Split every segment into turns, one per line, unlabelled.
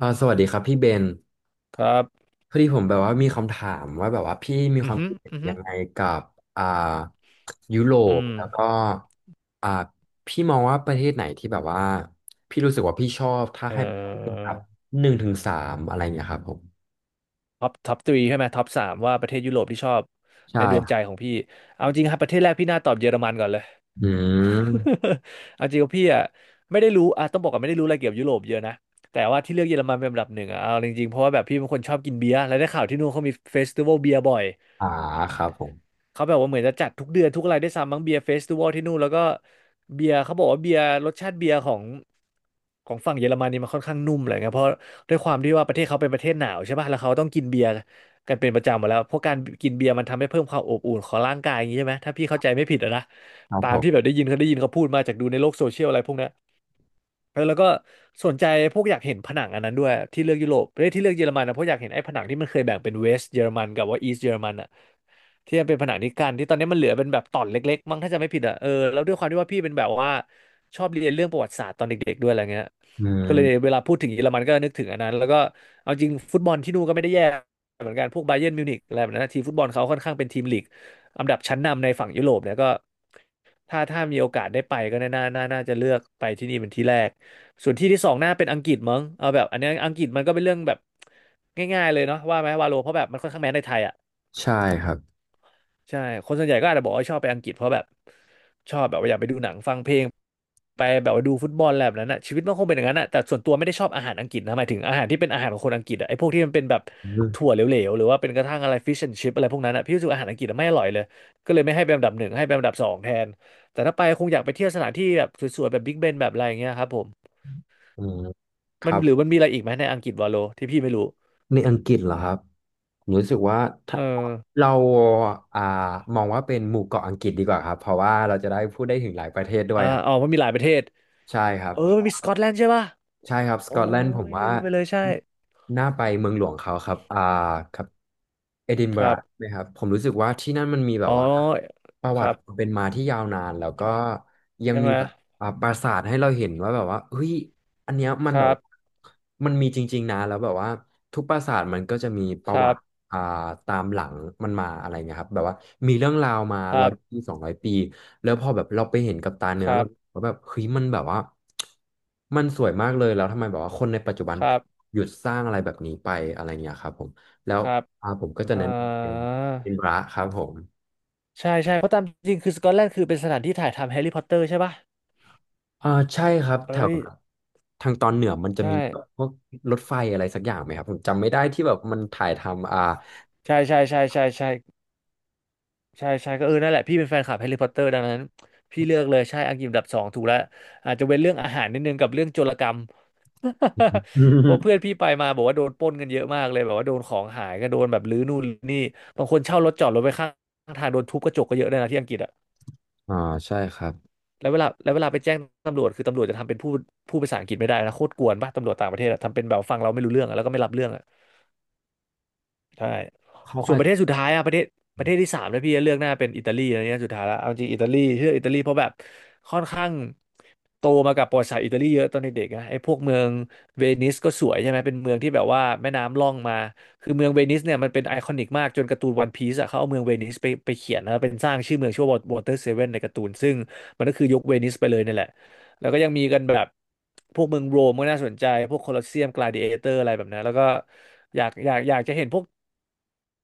สวัสดีครับพี่เบน
ครับ
พอดีผมแบบว่ามีคำถามว่าแบบว่าพี่มีค
อือ
วาม
ฮึ
คิดเห็น
อือฮึ
ยังไงกับอ่ายุโร
อื
ป
ม
แล้วก็อ่าพี่มองว่าประเทศไหนที่แบบว่าพี่รู้สึกว่าพี่ชอบถ้า
เอ่
ให้แบบ
อ
ครับหนึ่งถึงสามอะไรเงี้ยครับผม
ท็อปทรีใช่ไหมท็อปสามว่าประเทศยุโรปที่ชอบ
ใช่
ในดวง
ครับ
ใจของพี่เอาจริงครับประเทศแรกพี่น่าตอบเยอรมันก่อนเลย
อืม
เอาจริงว่าพี่อ่ะไม่ได้รู้อ่ะต้องบอกก่อนไม่ได้รู้อะไรเกี่ยวกับยุโรปเยอะนะแต่ว่าที่เลือกเยอรมันเป็นอันดับหนึ่งอ่ะเอาจริงๆเพราะว่าแบบพี่เป็นคนชอบกินเบียร์แล้วได้ข่าวที่นู่นเขามีเฟสติวัลเบียร์บ่อย
อ่าครับผม
เขาแบบว่าเหมือนจะจัดทุกเดือนทุกอะไรได้วยซ้ำมั้งเบียร์เฟสติวัลที่นู่นแล้วก็เบียร์เขาบอกว่าเบียร์รสชาติเบียร์ของฝั่งเยอรมันนี่มันค่อนข้างนุ่มอะไรเงี้ยเพราะด้วยความที่ว่าประเทศเขาเป็นประเทศหนาวใช่ป่ะแล้วเขาต้องกินเบียร์กันเป็นประจำหมดแล้วเพราะการกินเบียร์มันทำให้เพิ่มความอบอุ่นของร่างกายอย่างนี้ใช่ไหมถ้าพี่เข้าใจไม่ผิดอะนะ
ครับ
ตา
ผ
มที่แบ
ม
บได้ยินเขาพูดมาจากดูในโลกโซเชียลอะไรพวกเนี้ยเออแล้วก็สนใจพวกอยากเห็นผนังอันนั้นด้วยที่เลือกยุโรปประเทศที่เลือกเยอรมันนะเพราะอยากเห็นไอ้ผนังที่มันเคยแบ่งเป็นเวสต์เยอรมันกับว่าอีสต์เยอรมัน ที่มันเป็นผนังนิกันที่ตอนนี้มันเหลือเป็นแบบตอนเล็กๆมั้งถ้าจะไม่ผิดอ่ะเออแล้วด้วยความที่ว่าพี่เป็นแบบว่าชอบเรียนเรื่องประวัติศาสตร์ตอนเด็กๆด้วยอะไรเงี้ย
อื
ก็เลย
ม
เวลาพูดถึงเยอรมันก็นึกถึงอันนั้นแล้วก็เอาจริงฟุตบอลที่นู่นก็ไม่ได้แย่เหมือนกันพวกบาเยิร์นมิวนิกอะไรแบบนั้นนะทีมฟุตบอลเขาค่อนข้างเป็นทีมลีกอันดับชั้นนำในฝั่งยุโรปเนี่ยก็ถ้ามีโอกาสได้ไปก็น่าจะเลือกไปที่นี่เป็นที่แรกส่วนที่สองน่าเป็นอังกฤษมั้งเอาแบบอันนี้อังกฤษมันก็เป็นเรื่องแบบง่ายๆเลยเนาะว่าไหมวาโลเพราะแบบมันค่อนข้างแมสในไทย
ใช่ครับ
ใช่คนส่วนใหญ่ก็อาจจะบอกว่าชอบไปอังกฤษเพราะแบบชอบแบบว่าอยากไปดูหนังฟังเพลงไปแบบว่าดูฟุตบอลอะไรแบบนั้นน่ะชีวิตมันคงเป็นอย่างนั้นน่ะแต่ส่วนตัวไม่ได้ชอบอาหารอังกฤษนะหมายถึงอาหารที่เป็นอาหารของคนอังกฤษอ่ะไอ้พวกที่มันเป็นแบบ
อื
ถั่ว
ม
เหลวๆหรือว่าเป็นกระทั่งอะไรฟิชแอนชิพอะไรพวกนั้นอ่ะพี่รู้สึกอาหารอังกฤษอะไม่อร่อยเลยก็เลยไม่ให้เป็นอันดับหนึ่งให้เป็นอันดับสองแทนแต่ถ้าไปคงอยากไปเที่ยวสถานที่แบบสวยๆแบบบิ๊กเบนแบบอะไรอย่างเงี้ยครับผม
อืมค
มัน
รับ
หรือมันมีอะไรอีกไหมในอังกฤษวาโลที่พี่ไม่รู้
ในอังกฤษเหรอครับผมรู้สึกว่าถ้า
เออ
เราอ่ามองว่าเป็นหมู่เกาะอังกฤษดีกว่าครับเพราะว่าเราจะได้พูดได้ถึงหลายประเทศด้วย
อ่า
ครับ
อ๋อมันมีหลายประเทศ
ใช่ครับ
เออ
เพราะ
มันมีส
ว่า
กอตแลนด์ใช่ปะ
ใช่ครับส
โอ้
กอตแลนด์ผม
ยลื
ว่า
มไปเลยใช่
น่าไปเมืองหลวงเขาครับอ่าครับเอดิน
ค
บะ
รั
ระ
บ
นะครับผมรู้สึกว่าที่นั่นมันมีแบ
อ๋
บ
อ
ว่าประ
ค
วั
รั
ติ
บ
ความเป็นมาที่ยาวนานแล้วก็ยัง
ใช่ไห
มี
ม
แบบปราสาทให้เราเห็นว่าแบบว่าเฮ้ยอันเนี้ยมัน
ค
แบ
รั
บ
บ
ว่ามันมีจริงๆนะแล้วแบบว่าทุกปราสาทมันก็จะมีป
ค
ระ
รั
วั
บ
ติ อ่าตามหลังมันมาอะไรเงี้ยครับแบบว่ามีเรื่องราวมา
ค
ร้
รั
อย
บ
ปีสองร้อยปีแล้วพอแบบเราไปเห็นกับตาเนื้
ค
อ
รั
เรา
บ
ก็แบบเฮ้ยมันแบบว่ามันสวยมากเลยแล้วทำไมแบบว่าคนในปัจจุบัน
ครับ
หยุดสร้างอะไรแบบนี้ไปอะไรเงี้ยครับผมแล้ว
ครับ
ผมก็จะ
อ่
แนะนำเป็น
า
ระครับผม
ใช่ใช่เพราะตามจริงคือสกอตแลนด์คือเป็นสถานที่ถ่ายทำแฮร์รี่พอตเตอร์ใช่ปะ
อ่าใช่ครับแถ
เอ้
ว
ย
ทางตอนเหนือมันจะ
ใช่
มีแบบพวกรถไฟอะไรสักอย่างไหมครับผมจำไม่ได้ที่แบบมันถ่ายทำ
ใช่ใช่ใช่ใช่ใช่ใช่ใช่ก็เออนั่นแหละพี่เป็นแฟนคลับแฮร์รี่พอตเตอร์ดังนั้นพี่เลือกเลยใช่อังกฤษอันดับสองถูกแล้วอาจจะเว็นเรื่องอาหารนิดนึงกับเรื่องโจรกรรม เพราะ เพื่อนพี่ไปมาบอกว่าโดนปล้นกันเยอะมากเลยแบบว่าโดนของหายก็โดนแบบรื้อนู่นรื้อนี่บางคนเช่ารถจอดรถไว้ข้างทางโดนทุบกระจกก็เยอะเลยนะที่อังกฤษอะ
อ่าใช่ครับ
แล้วเวลาไปแจ้งตำรวจคือตำรวจจะทำเป็นพูดภาษาอังกฤษไม่ได้นะโคตรกวนป่ะตำรวจต่างประเทศอะทำเป็นแบบฟังเราไม่รู้เรื่องอะแล้วก็ไม่รับเรื่องอะ ใช่
เขา
ส่ว
อา
น
จ
ประ
จะ
เทศสุดท้ายอะประเทศที่สามแล้วพี่จะเลือกหน้าเป็นอิตาลีอะไรเงี้ยสุดท้ายแล้วเอาจริงอิตาลีเลือกอิตาลีเพราะแบบค่อนข้างโตมากับประวัติศาสตร์อิตาลีเยอะตอนเด็กๆนะไอ้พวกเมืองเวนิสก็สวยใช่ไหมเป็นเมืองที่แบบว่าแม่น้ำล่องมาคือเมืองเวนิสเนี่ยมันเป็นไอคอนิกมากจนการ์ตูนวันพีซอะเขาเอาเมืองเวนิสไปเขียนนะเป็นสร้างชื่อเมืองชื่อว่าวอเตอร์เซเว่นในการ์ตูนซึ่งมันก็คือยกเวนิสไปเลยนี่แหละแล้วก็ยังมีกันแบบพวกเมืองโรมก็น่าสนใจพวกโคลอสเซียมกลาดิเอเตอร์อะไรแบบนั้นแล้วก็อยากจะเห็นพวก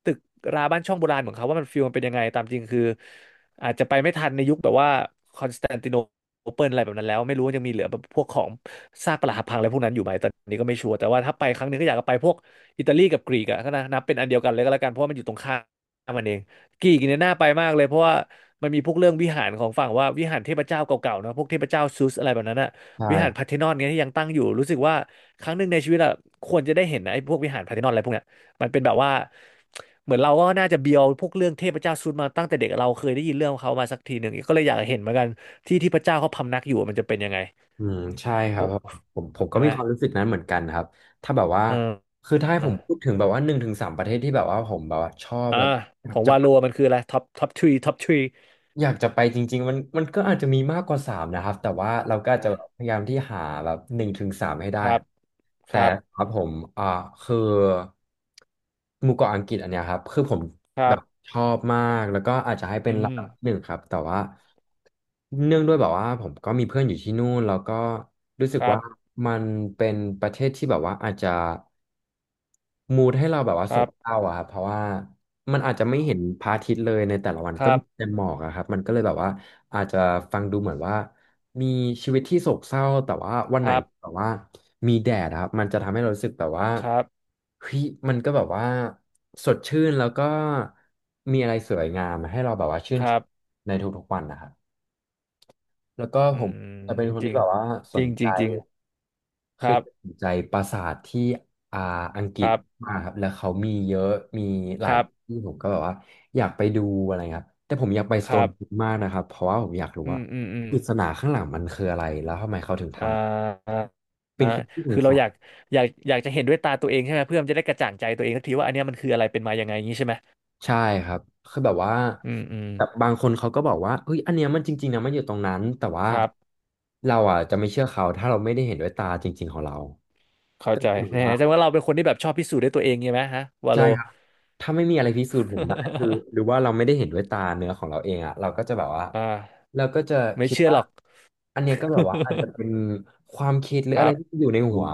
ตึกราบ้านช่องโบราณของเขาว่ามันฟิลมันเป็นยังไงตามจริงคืออาจจะไปไม่ทันในยุคแบบว่าคอนสแตนติโนเปิลอะไรแบบนั้นแล้วไม่รู้ว่ายังมีเหลือแบบพวกของซากปรักหักพังอะไรพวกนั้นอยู่ไหมตอนนี้ก็ไม่ชัวร์แต่ว่าถ้าไปครั้งหนึงก็อยากจะไปพวกอิตาลีกับกรีกอะก็นะนับเป็นอันเดียวกันเลยก็แล้วกันเพราะว่ามันอยู่ตรงข้ามมันเองกรีกเนี่ยน่าไปมากเลยเพราะว่ามันมีพวกเรื่องวิหารของฝั่งว่าวิหารเทพเจ้าเก่าๆนะพวกเทพเจ้าซูสอะไรแบบนั้นอะ
ใ
วิหารพาร์
ช่
เธนอนเนี่ยที่ยังตั้งอยู่รู้สึกว่าครั้งหนึ่งในชีวิตอะควรจะได้เห็นนะไอ้พวกวิหารพาร์เธนอนอะไรพวกเนี้ย มันเป็นแบบว่าเหมือนเราก็น่าจะเบียวพวกเรื่องเทพเจ้าซุดมาตั้งแต่เด็กเราเคยได้ยินเรื่องของเขามาสักทีหนึ่งก็เลยอยากเห็นเหมือนกันที่ที่พระเจ้าเขาพำนักอยู่มันจะเป็นยังไง
อืมใช่ครับ
โอ้
เพราะผมก็
ใช่ไห
มี
ม
ความรู้สึกนั้นเหมือนกันครับถ้าแบบว่า
เออ
คือถ้าให้
เออ
ผมพูดถึงแบบว่าหนึ่งถึงสามประเทศที่แบบว่าผมแบบว่าชอบ
อ่า
แล้วอ
ข
ยาก
อง
จะ
วา
ไป
โลมันคืออะไรท็อปท็อปทรีท็อปทรี
อยากจะไปจริงๆมันก็อาจจะมีมากกว่าสามนะครับแต่ว่าเราก็อาจจะแบบ
อ่ะ
พยายามที่หาแบบหนึ่งถึงสามให้ได้
ค
ค
รับ
รับ
ค
แต่
รับ
ครับผมอ่าคือหมู่เกาะอังกฤษอันเนี้ยครับคือผม
ค
แบ
รั
บ
บ
ชอบมากแล้วก็อาจจะให้เป็น
อื
ลำ
ม
ดับหนึ่งครับแต่ว่าเนื่องด้วยแบบว่าผมก็มีเพื่อนอยู่ที่นู่นแล้วก็รู้สึ
ค
ก
รั
ว่า
บ
มันเป็นประเทศที่แบบว่าอาจจะ มูดให้เราแบบว่า
ค
โศ
รั
ก
บ
เศร้าอะครับเพราะว่ามันอาจจะไม่เห็นพระอาทิตย์เลยในแต่ละวัน
ค
ก็
รับ
มีแต่หมอกอะครับมันก็เลยแบบว่าอาจจะฟังดูเหมือนว่ามีชีวิตที่โศกเศร้าแต่ว่าวัน
ค
ไหน
รับ
แบบว่ามีแดดอะครับมันจะทำให้เรารู้สึกแบบว่า
ครับ
เฮ้ยมันก็แบบว่าสดชื่นแล้วก็มีอะไรสวยงามให้เราแบบว่าชื่
ค
นช
รั
ม
บ
ในทุกๆวันนะครับแล้วก็
อื
ผมจะเป็
ม
นคน
จ
ที่
ริง
แบบว่าส
จริ
น
งจ
ใจ
ริงจริง
เค
ค
ย
รั
ส
บ
นใจปราสาทที่อ่าอังก
ค
ฤษ
รับ
มากครับแล้วเขามีเยอะมีห
ค
ลาย
รับ
ที่ผมก็แบบว่าอยากไปดูอะไรครับแต่ผมอยากไป
ค
สโต
รั
นฮิล
บ
ล์มากนะครับเพราะว่าผมอยากรู้
อื
ว่า
มอืมอืม
ปริศนาข้างหลังมันคืออะไร
อ่า
เป็
อ่า
นคนที่ส
คื
ง
อเรา
สั
อ
ย
ยากอยากอยากจะเห็นด้วยตาตัวเองใช่ไหมเพื่อมันจะได้กระจ่างใจตัวเองสักทีว่าอันเนี้ยมันคืออะไรเป็นมายังไงอย่างนี้ใช่ไหม
ใช่ครับคือแบบว่า
อืมอืม
แต่บางคนเขาก็บอกว่าเฮ้ยอันเนี้ยมันจริงๆนะมันอยู่ตรงนั้นแต่ว่า
ครับ
เราอ่ะจะไม่เชื่อเขาถ้าเราไม่ได้เห็นด้วยตาจริงๆของเรา
เข้าใจแน่แสดงว่าเราเป็นคนที่แบบชอบพิสูจน์ด้วยตัวเองใช่ไหมฮะวา
ใช่
โล
ครับถ้าไม่มีอะไรพิสูจน์ผมได้คือ หรือว่าเราไม่ได้เห็นด้วยตาเนื้อของเราเองอะเราก็จะแบบว่า
อ่า
เราก็จะ
ไม่
คิด
เชื่อ
ว่า
หรอก
อันเนี้ยก็แบบว่าอาจจะเป็น ความคิดหรือ
ค
อะ
รั
ไร
บ
ที่อยู่ในหัว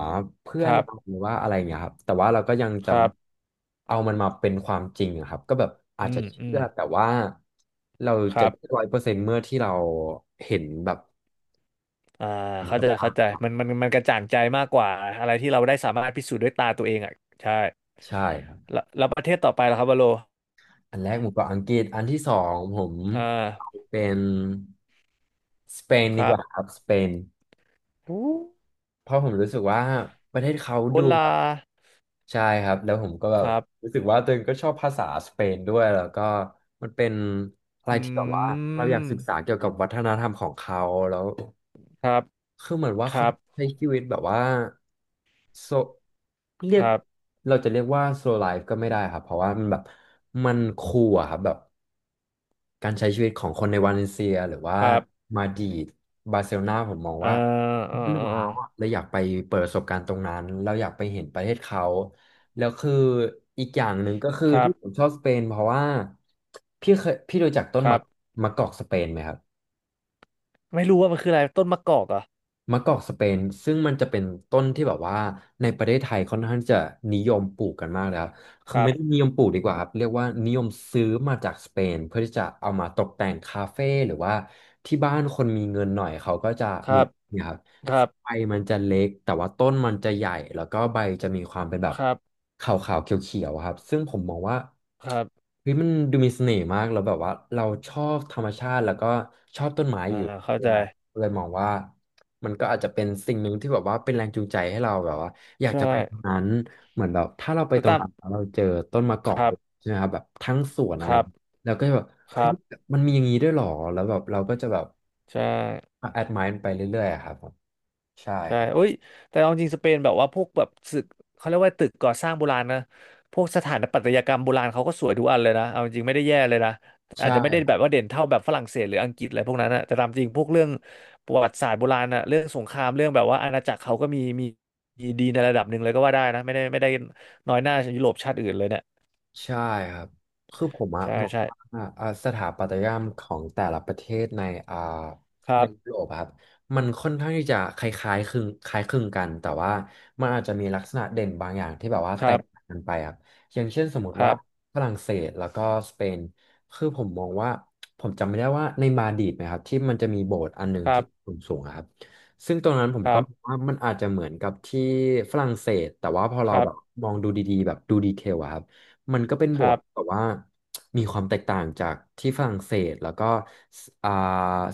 เพื่
ค
อน
รั
เรา
บ
หรือว่าอะไรเงี้ยครับแต่ว่าเราก็ยังจ
ครับ
ำเอามันมาเป็นความจริงอะครับก็แบบอาจ
อื
จะ
มอื
เชื่อ
ม
แต่ว่าเรา
ค
จะ
รับ
100%เมื่อที่เราเห็นแบบ
อ่า
เห็น
เข้า
กั
ใจ
บตา
เข้าใจมันกระจ่างใจมากกว่าอะไรที่เราได้สามารถพิสูจน์ด้วยตาตัวเองอ่ะใช่
ใช่ครับ
แล้วประเทศต่อไปล่ะครับวาโล
อันแรกหมูเกรอบอังกฤษอันที่สองผม
อ่า
เป็นสเปน
ค
ดี
รั
ก
บ
ว่าครับสเปนเพราะผมรู้สึกว่าประเทศเขา
โอ
ดูแบ
ลา
บใช่ครับแล้วผมก็แบ
ค
บ
รับ
รู้สึกว่าตัวเองก็ชอบภาษาสเปนด้วยแล้วก็มันเป็นอะไรที่แบบ
อื
ว่าเราอยากศึกษา
ม
เกี่ยวกับวัฒนธรรมของเขาแล้ว
ครับ
คือเหมือนว่า
ครั
เขา
บ
ใช้ชีวิตแบบว่าโซเรีย
ค
ก
รับ
เราจะเรียกว่าโซไลฟ์ก็ไม่ได้ครับเพราะว่ามันแบบมันคูลอะครับแบบ การใช้ชีวิตของคนในวาเลนเซียหรือว่า
ครับ
มาดริดบาร์เซโลนาผมมอง
เอ่
ว่า
อเอ่
มั
อ
น
เอ่อ
ว้า
เอ่
ว
อ
อะเราอยากไปเปิดประสบการณ์ตรงนั้นเราอยากไปเห็นประเทศเขาแล้วคืออีกอย่างหนึ่งก็คือ
ครับ
ที่ผมชอบสเปนเพราะว่าพี่เคยพี่รู้จักต้น
ครั
มะ
บ
มะกอกสเปนไหมครับ
ไม่รู้ว่ามันคืออะไรต้นมะกอกเหรอ่ะ
มะกอกสเปนซึ่งมันจะเป็นต้นที่แบบว่าในประเทศไทยค่อนข้างจะนิยมปลูกกันมากแล้คคื
ค
อ
รั
ไม่
บ
ได้นิยมปลูกดีกว่าครับเรียกว่านิยมซื้อมาจากสเปนเพื่อที่จะเอามาตกแต่งคาเฟ่หรือว่าที่บ้านคนมีเงินหน่อยเขาก็จะ
ค
มี
รับ
เนะครับ
ครับ
ใบมันจะเล็กแต่ว่าต้นมันจะใหญ่แล้วก็ใบจะมีความเป็นแบบ
ครับ
ขาวๆเขียวๆอะครับซึ่งผมมองว่า
ครับ
เฮ้ยมันดูมีเสน่ห์มากแล้วแบบว่าเราชอบธรรมชาติแล้วก็ชอบต้นไม้
อ่า
อยู่
เข้า
ด้วย
ใจ
ครับเลยมองว่า มันก็อาจจะเป็นสิ่งหนึ่งที่แบบว่าเป็นแรงจูงใจให้เราแบบว่า
ใช่
นั้นเหมือนแบบถ้าเราไป
แต่
ตรง
ตาม
นั้นแล้วเราเจอต้นมะก
ค
อก
รับ
ใช่ไหมครับแบบทั้งสวน
ค
อะไร
รับ
เราก็จะแบบ
ค
เฮ้
รั
ย
บ
มันมีอย่างนี้ด้วยเหรอแล้วแบบเราก็จะแบบ
ใช่
แอดมายไปเรื่อยๆอะครับผมใช่
ใช่
ครับ
โอ้ยแต่เอาจริงสเปนแบบว่าพวกแบบตึกเขาเรียกว่าตึกก่อสร้างโบราณนะพวกสถาปัตยกรรมโบราณเขาก็สวยทุกอันเลยนะเอาจริงไม่ได้แย่เลยนะอา
ใช่
จจะไม่ได้แบบว่าเด่นเท่าแบบฝรั่งเศสหรืออังกฤษอะไรพวกนั้นนะแต่ตามจริงพวกเรื่องประวัติศาสตร์โบราณนะเรื่องสงครามเรื่องแบบว่าอาณาจักรเขาก็มีดีในระดับหนึ่งเลยก็ว่าได้นะ ไม่ได้น้อยหน้ายุโรปชาติอื่นเลยเนี่ย
ใช่ครับคือผมอะ
ใช่
มอง
ใช่
ว่าสถาปัตยกรรมของแต่ละประเทศในอ่า
ค
ใน
รับ
ยุโรปอะครับมันค่อนข้างที่จะคล้ายคลึงกันแต่ว่ามันอาจจะมีลักษณะเด่นบางอย่างที่แบบว่า
ค
แต
รั
ก
บ
ต่างกันไปครับอย่างเช่นสมม
ค
ติ
รั
ว่า
บ
ฝรั่งเศสแล้วก็สเปนคือผมมองว่าผมจำไม่ได้ว่าในมาดริดนะครับที่มันจะมีโบสถ์อันหนึ่ง
ครั
ที่
บ
สูงๆอะครับซึ่งตรงนั้นผม
ค
ก็
รับ
มองว่ามันอาจจะเหมือนกับที่ฝรั่งเศสแต่ว่าพอ
ค
เรา
รั
แบ
บ
บมองดูดีๆแบบดูดีเทลอะครับ มันก็เป็นโบ
ค
ส
รั
ถ์
บ
แบบว่ามีความแตกต่างจากที่ฝรั่งเศสแล้วก็สอ่า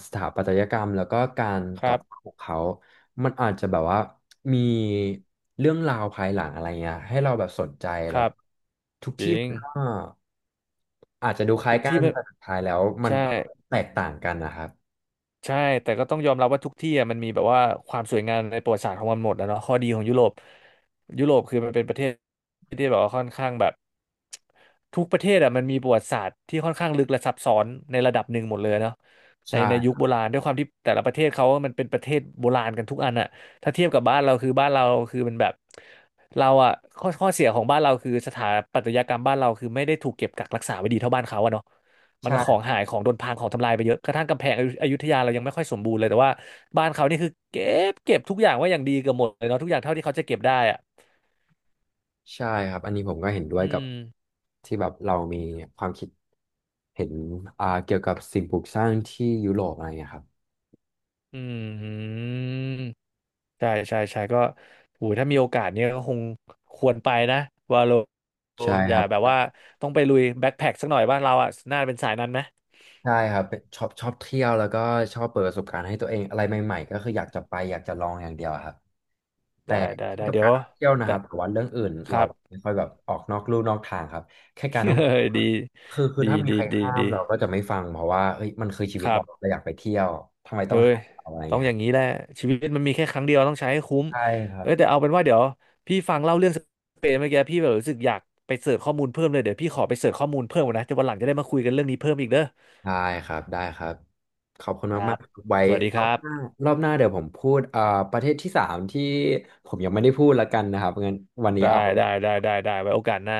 สถาปัตยกรรมแล้วก็การ
ค
ก่อ
รับ
สร้างของเขา มันอาจจะแบบว่ามีเรื่องราวภายหลังอะไรเงี้ยให้เราแบบสนใจ
ค
แล้ว
รับ
ทุก
จ
ที่
ริง
มันก็อาจจะดูคล้าย
ทุก
กั
ที่
น
มัน
แต่สุดท้ายแล้วมัน
ใช่
ก็แตกต่างกันนะครับ
ใช่แต่ก็ต้องยอมรับว่าทุกที่อะมันมีแบบว่าความสวยงามในประวัติศาสตร์ของมันหมดแล้วเนาะข้อดีของยุโรปยุโรปคือมันเป็นประเทศที่แบบว่าค่อนข้างแบบทุกประเทศอะมันมีประวัติศาสตร์ที่ค่อนข้างลึกและซับซ้อนในระดับหนึ่งหมดเลยเนาะในในยุ
ใช่
คโบราณด้วยความที่แต่ละประเทศเขามันเป็นประเทศโบราณกันทุกอันอะถ้าเทียบกับบ้านเราคือบ้านเราคือมันแบบเราอะข้อเสียของบ้านเราคือสถาปัตยกรรมบ้านเราคือไม่ได้ถูกเก็บกักรักษาไว้ดีเท่าบ้านเขาอะเนาะ มันก็ขอ
ใช่
งหายของโดนพังของทำลายไปเยอะกระทั่งกำแพงอยุธยาเรายังไม่ค่อยสมบูรณ์เลย แต่ว่าบ้านเขานี่คือเก็บทุกอย่างไว้อย่างดีเกือบหมดเลยเนาะทุกอย่างเท่าที่เขาจะเก็บได้อ่ะ
ใช่ครับอันนี้ผมก็เห็นด้วย
อื
กับ
ม
ที่แบบเรามีความคิดเห็นเกี่ยวกับสิ่งปลูกสร้างที่ยุโรปอะไรเงี้ยครับ
อืม ใช่ใช่ใช่ก็โอ้ยถ้ามีโอกาสเนี่ยก็คงควรไปนะวาโล
ใช่
อ
ค
ย่า
รั
แบบว่า
บ
ต้องไปลุยแบ็คแพ็คสักหน่อยบ้านเราอ่ะน่าเป็นสายนั้นไหม
ใช่ครับเป็นชอบเที่ยวแล้วก็ชอบเปิดประสบการณ์ให้ตัวเองอะไรใหม่ๆก็คืออยากจะไปอยากจะลองอย่างเดียวอะครับแต่
ได้ได้ได้
เกี่ยวกับ
เดี๋ย
กา
ว
รท่องเที่ยวนะค
แต่
รับแต่ว่าเรื่องอื่น
ค
เรา
รับ
ไม่ค่อยแบบออกนอกลู่นอกทางครับแค่การท่องเที่ยว ค
ดี
รับคือ
ดี
ถ้ามี
ดี
ใคร
ดี
ห้าม
ดี
เราก็จะไม่ฟังเพราะว่าเฮ้ยมันคือชีวิ
ค
ต
รั
เรา
บ
เราอยากไปเที่ยวทำไมต้อ
เอ้
ง
ย
ห้ามเราอะไรอย่าง
ต้อง
เงี้ย
อ
ครั
ย่า
บ
งนี้แหละชีวิตมันมีแค่ครั้งเดียวต้องใช้ให้คุ้ม
ใช่ครับ
เอ้ยแต่เอาเป็นว่าเดี๋ยวพี่ฟังเล่าเรื่องสเปนเมื่อกี้พี่แบบรู้สึกอยากไปเสิร์ชข้อมูลเพิ่มเลยเดี๋ยวพี่ขอไปเสิร์ชข้อมูลเพิ่มก่อนนะจะวันหลังจะได้มาคุยกันเรื่องนี้เพิ่มอีกเด้อ
ได้ครับได้ครับ ขอบคุณ
ครั
มาก
บ
ๆครับไว้
สวัส
ร
ดี
อ
ครั
บหน้า
บ
รอบหน้าเดี๋ยวผมพูดประเทศที่สามที่ผมยังไม่ได้พูดละกันนะครับงั้นวันนี้เอา
ได้ได้ได้ได้ได้ไว้โอกาสหน้า